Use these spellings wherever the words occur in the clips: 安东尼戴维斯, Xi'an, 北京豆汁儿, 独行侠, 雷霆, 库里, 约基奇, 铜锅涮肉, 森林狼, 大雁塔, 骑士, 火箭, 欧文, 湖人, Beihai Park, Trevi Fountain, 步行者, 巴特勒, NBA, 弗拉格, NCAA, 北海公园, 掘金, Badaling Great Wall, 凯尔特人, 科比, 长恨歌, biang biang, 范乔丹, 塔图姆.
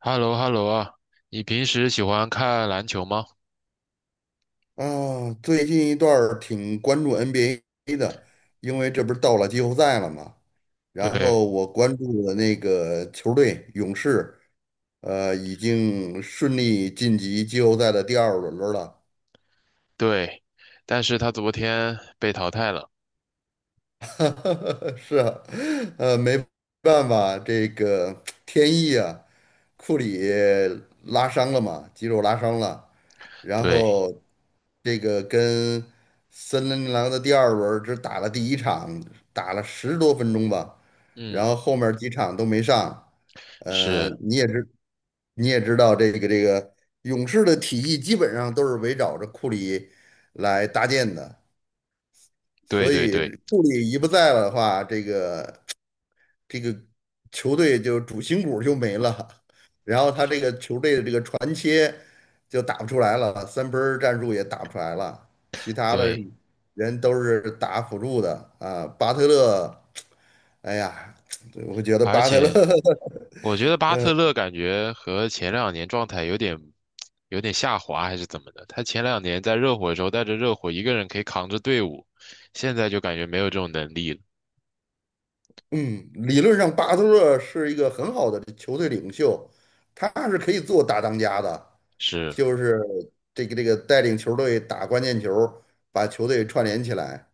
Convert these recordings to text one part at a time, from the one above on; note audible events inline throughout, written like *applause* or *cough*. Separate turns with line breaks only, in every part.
h e l l o h e l l o 啊，你平时喜欢看篮球吗？
啊，最近一段儿挺关注 NBA 的，因为这不是到了季后赛了嘛。然
对
后我关注的那个球队勇士，已经顺利晋级季后赛的第二轮儿了。
对，但是他昨天被淘汰了。
*laughs* 是啊，没办法，这个天意啊，库里拉伤了嘛，肌肉拉伤了，然
对，
后这个跟森林狼的第二轮只打了第一场，打了十多分钟吧，然
嗯，
后后面几场都没上，呃，
是，
你也知道这个勇士的体系基本上都是围绕着库里来搭建的。
对
所
对
以
对
库里一不在了的话，这个球队就主心骨就没了，然后他这个球队的这个传切就打不出来了，三分儿战术也打不出来了，其他的
对，
人都是打辅助的啊。巴特勒，哎呀，我觉得
而
巴特勒
且
*laughs*
我觉得巴特勒感觉和前两年状态有点下滑，还是怎么的？他前两年在热火的时候带着热火一个人可以扛着队伍，现在就感觉没有这种能力了。
嗯，理论上巴特勒是一个很好的球队领袖，他是可以做大当家的，
是，
就是这个带领球队打关键球，把球队串联起来。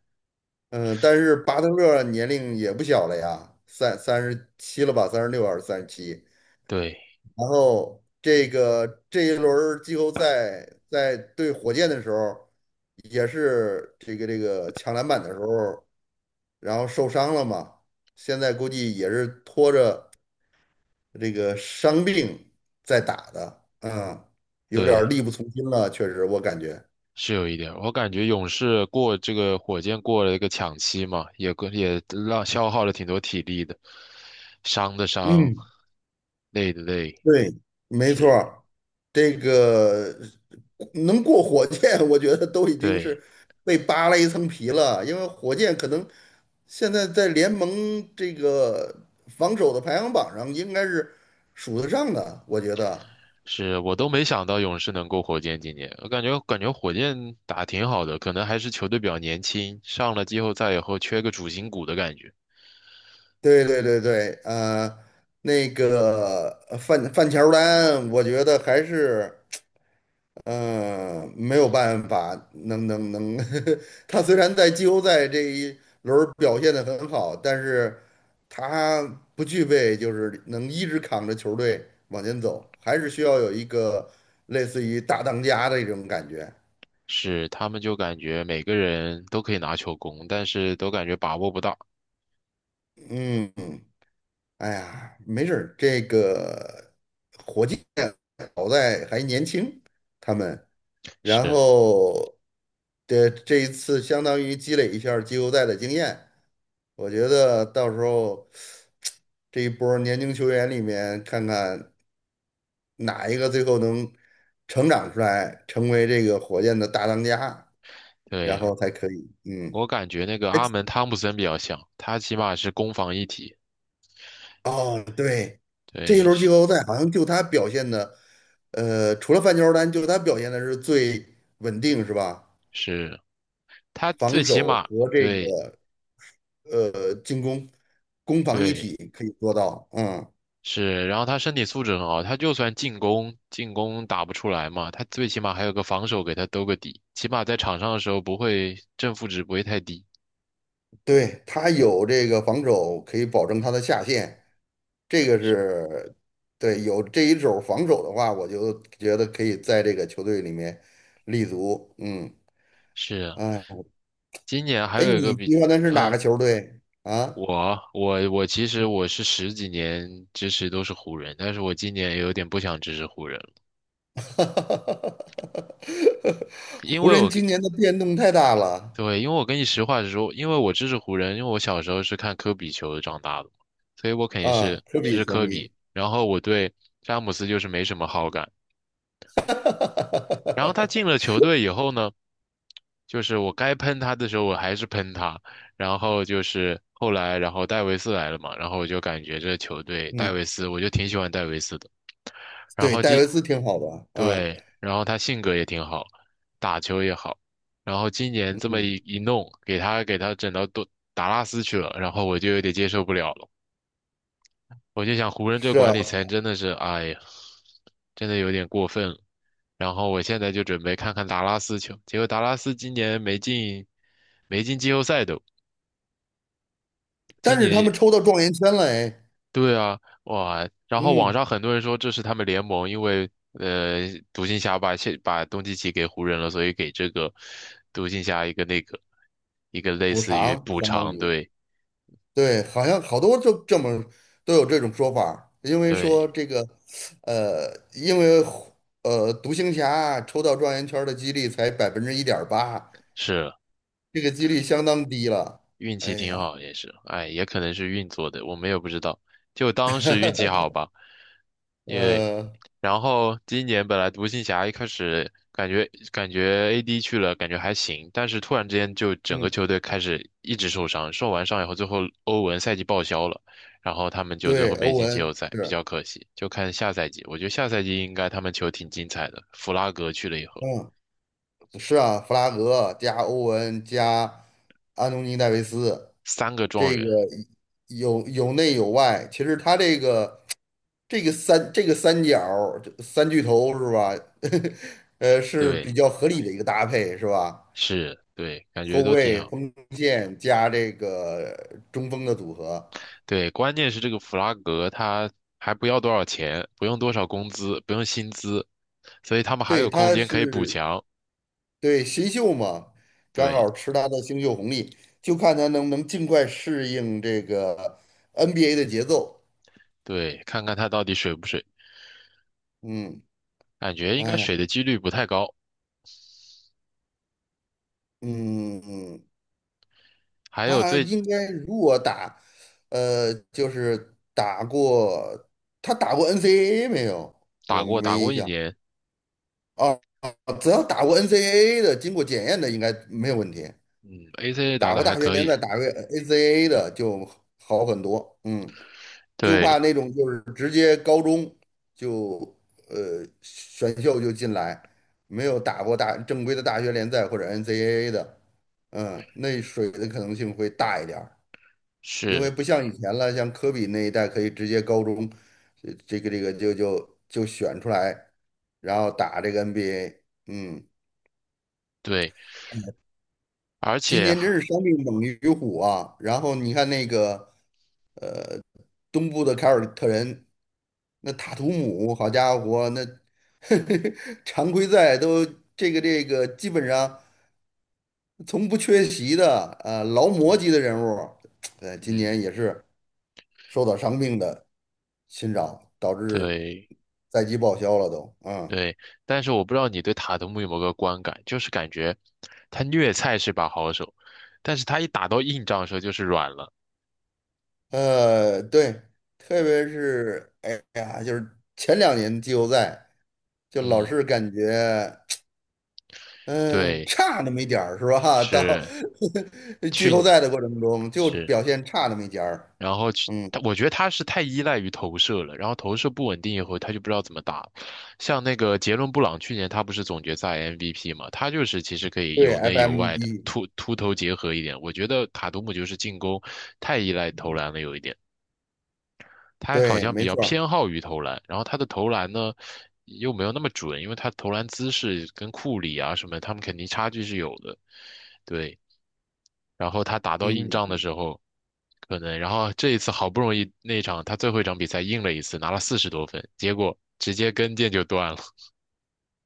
嗯，但是巴特勒年龄也不小了呀，三十七了吧，三十六还是三十七？
对
然后这个这一轮儿季后赛在对火箭的时候，也是这个抢篮板的时候，然后受伤了嘛。现在估计也是拖着这个伤病在打的，啊，有点儿
对。
力不从心了，确实我感觉。
是有一点，我感觉勇士过这个火箭过了一个抢七嘛，也过也让消耗了挺多体力的，伤的伤，
嗯，
累的累，
对，没错
是，
儿，这个能过火箭，*laughs* 我觉得都已经
对，
是被扒了一层皮了，因为火箭可能现在在联盟这个防守的排行榜上应该是数得上的，我觉得。
是我都没想到勇士能过火箭今年，我感觉火箭打挺好的，可能还是球队比较年轻，上了季后赛以后缺个主心骨的感觉，
对对对对，呃，那个呃范范乔丹，我觉得还是。嗯，没有办法，能能能，*laughs* 他虽然在季后赛这一轮儿表现得很好，但是他不具备就是能一直扛着球队往前走，还是需要有一个类似于大当家的一种感觉。
是他们就感觉每个人都可以拿球攻，但是都感觉把握不到，
嗯，哎呀，没事儿这个火箭好在还年轻，他们，然
是。
后这一次相当于积累一下儿季后赛的经验。我觉得到时候这一波儿年轻球员里面，看看哪一个最后能成长出来，成为这个火箭的大当家，然
对，
后才可以。嗯，
我感觉那个
哎，
阿门汤普森比较像，他起码是攻防一体，
哦，对，这一
对，
轮
是
季后赛好像就他表现的，呃，除了范乔丹，就他表现的是最稳定，是吧？
是，他最
防
起
守
码
和这
对
个进攻，攻防一
对
体可以做到。嗯。
是，然后他身体素质很好，他就算进攻打不出来嘛，他最起码还有个防守给他兜个底，起码在场上的时候不会正负值不会太低。
对，他有这个防守，可以保证他的下限，这个是对有这一手防守的话，我就觉得可以在这个球队里面立足。嗯，
是啊，
哎，
今年还
哎，
有一个
你
比，
喜欢的是哪
嗯，
个球队啊？
我其实我是十几年支持都是湖人，但是我今年也有点不想支持湖人了。
*laughs*
因
湖
为
人
我
今年的变动太大了
对，因为我跟你实话实说，因为我支持湖人，因为我小时候是看科比球长大的嘛，所以我肯定
啊，
是
科
支
比
持
球
科
迷。
比。然后我对詹姆斯就是没什么好感。然后他进了
*laughs*
球队以后呢？就是我该喷他的时候，我还是喷他。然后就是后来，然后戴维斯来了嘛，然后我就感觉这球队戴
嗯，
维斯，我就挺喜欢戴维斯的。然
对，
后
戴
今，
维斯挺好的啊，
对，然后他性格也挺好，打球也好。然后今年这么
嗯，
一弄，给他整到多达拉斯去了，然后我就有点接受不了了。我就想湖人这
是
管
啊，
理层真的是，哎呀，真的有点过分了。然后我现在就准备看看达拉斯球，结果达拉斯今年没进，没进季后赛都，
但
今
是
年
他们
也
抽到状元签了，哎，
对啊，哇！然后网
嗯。
上很多人说这是他们联盟因为独行侠把东契奇给湖人了，所以给这个独行侠一个那个一个类
补
似于
偿，
补
相当
偿，
于
对
对，好像好多就这么都有这种说法儿，因为
对
说这个，呃，因为独行侠抽到状元圈儿的几率才百分之一点八，
是。
这个几率相当低了。
运
哎
气挺
呀，
好，也是，哎，也可能是运作的，我们也不知道，就当是运气
*laughs*
好吧。因为
呃，
然后今年本来独行侠一开始感觉AD 去了，感觉还行，但是突然之间就整个
嗯，
球队开始一直受伤，受完伤以后，最后欧文赛季报销了，然后他们就最
对，
后没
欧
进季后
文
赛，比
是，
较可惜。就看下赛季，我觉得下赛季应该他们球挺精彩的。弗拉格去了以后，
嗯，是啊，弗拉格加欧文加安东尼戴维斯，
三个状
这
元，
个有有内有外，其实他这个。三角儿三巨头是吧？*laughs* 是
对，
比较合理的一个搭配是吧？
是，对，感
后
觉都挺
卫、
好。
锋线加这个中锋的组合，
对，关键是这个弗拉格他还不要多少钱，不用多少工资，不用薪资，所以他们还
对，
有空
他
间可以补
是
强。
对新秀嘛，刚
对
好吃他的新秀红利，就看他能不能尽快适应这个 NBA 的节奏。
对，看看他到底水不水，
嗯，
感觉应该
哎呀，
水的几率不太高。
嗯嗯，
还有
他
最
应该如果打，就是打过，他打过 NCAA 没有？
打
我
过
没印
一
象。
年，
哦，哦只要打过 NCAA 的，经过检验的应该没有问题。
嗯，ACA 打
打
的
过
还
大学
可
联赛，
以。
打过 NCAA 的就好很多。嗯，就怕
对，
那种就是直接高中就选秀就进来，没有打过大正规的大学联赛或者 NCAA 的，嗯，那水的可能性会大一点儿。因为
是，
不像以前了，像科比那一代可以直接高中，呃这个就选出来，然后打这个 NBA。嗯，
对，而
今
且
年
还，
真是伤病猛于虎啊。然后你看那个东部的凯尔特人，那塔图姆，好家伙，那 *laughs* 常规赛都这个基本上从不缺席的，呃，劳模
嗯
级的人物，呃，今年
嗯，
也是。受到伤病的侵扰，导致
对
赛季报销了都。嗯，
对，但是我不知道你对塔图姆有没有个观感，就是感觉他虐菜是把好手，但是他一打到硬仗的时候就是软了。
呃，对，特别是哎呀，就是前两年季后赛，就老
嗯，
是感觉。嗯，
对，
差那么一点儿是吧？*laughs* 到
是
*laughs* 季
去
后
年
赛的过程中就
是，
表现差那么一点儿。
然后去，
嗯，
他我觉得他是太依赖于投射了，然后投射不稳定以后，他就不知道怎么打了。像那个杰伦布朗，去年他不是总决赛 MVP 嘛，他就是其实可以
对
有内有外的
，FMB,
突投结合一点。我觉得卡图姆就是进攻太依赖投篮了有一点，他好
对，
像比
没
较
错儿，
偏好于投篮，然后他的投篮呢又没有那么准，因为他投篮姿势跟库里啊什么他们肯定差距是有的，对。然后他打到硬
嗯，
仗的时候，可能，然后这一次好不容易那一场他最后一场比赛硬了一次，拿了40多分，结果直接跟腱就断了。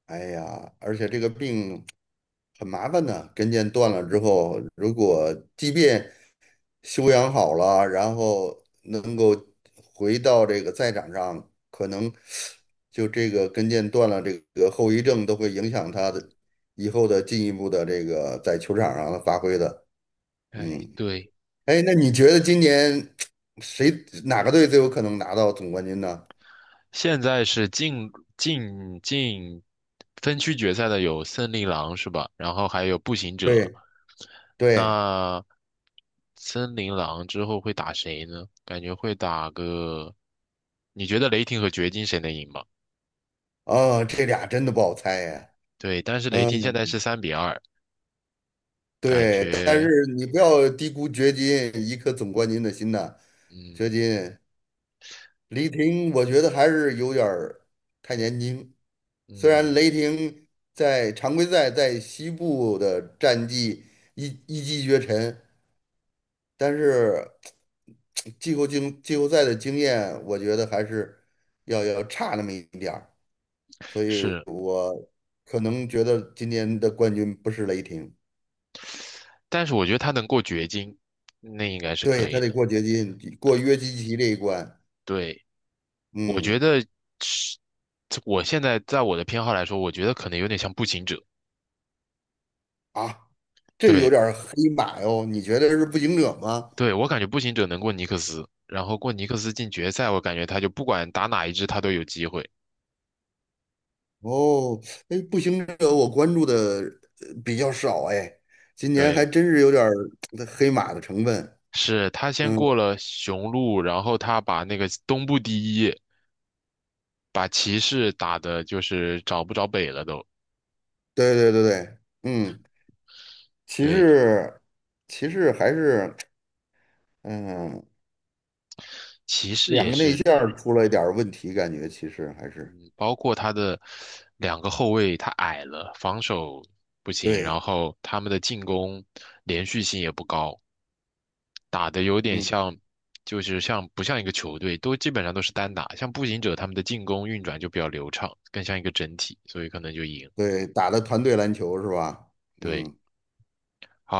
哎呀，而且这个病很麻烦的，跟腱断了之后，如果即便修养好了，然后能够回到这个赛场上，可能就这个跟腱断了，这个后遗症都会影响他的以后的进一步的这个在球场上的发挥的。
*laughs* 哎，
嗯，
对，
哎，那你觉得今年谁哪个队最有可能拿到总冠军呢？
现在是进分区决赛的有森林狼是吧？然后还有步行者。
对对，
那森林狼之后会打谁呢？感觉会打个，你觉得雷霆和掘金谁能赢吗？
啊，这俩真的不好猜呀。
对，但是雷
嗯，
霆现在是3-2，感
对，但
觉，
是你不要低估掘金一颗总冠军的心呐，掘
嗯
金。雷霆我觉得还是有点儿太年轻。虽然
嗯。
雷霆在常规赛在西部的战绩一一骑绝尘，但是季后赛的经验，我觉得还是要差那么一点儿。所以
是，
我可能觉得今年的冠军不是雷霆，
但是我觉得他能过掘金，那应该是
对，
可
他
以
得
的。
过掘金，过约基奇这一关。
对，我觉
嗯，
得是，我现在在我的偏好来说，我觉得可能有点像步行者。
啊，这有
对，
点儿黑马哟，你觉得是步行者吗？
对，我感觉步行者能过尼克斯，然后过尼克斯进决赛，我感觉他就不管打哪一支，他都有机会。
哦，哎，步行者我关注的呃比较少哎，今年还
对，
真是有点儿呃黑马的成分。
是他先
嗯，
过了雄鹿，然后他把那个东部第一，把骑士打的就是找不着北了都。
对对对对，嗯，骑
对，
士，骑士还是嗯，
骑士
两
也
个内
是。
线儿出了一点儿问题，感觉骑士还是
包括他的两个后卫，他矮了，防守不行，然
对，
后他们的进攻连续性也不高，打的有点
嗯，
像，就是像不像一个球队，都基本上都是单打，像步行者他们的进攻运转就比较流畅，更像一个整体，所以可能就赢。
对，打的团队篮球是吧？
对，
嗯，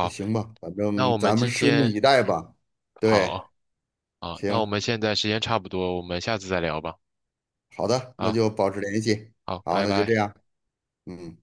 那行吧，反
那
正
我们
咱们
今
拭目
天
以待吧。对，
好啊，那我
行，
们现在时间差不多，我们下次再聊吧。
好的，那
啊，
就保持联系。
好，
好，
拜
那就这
拜。
样，嗯。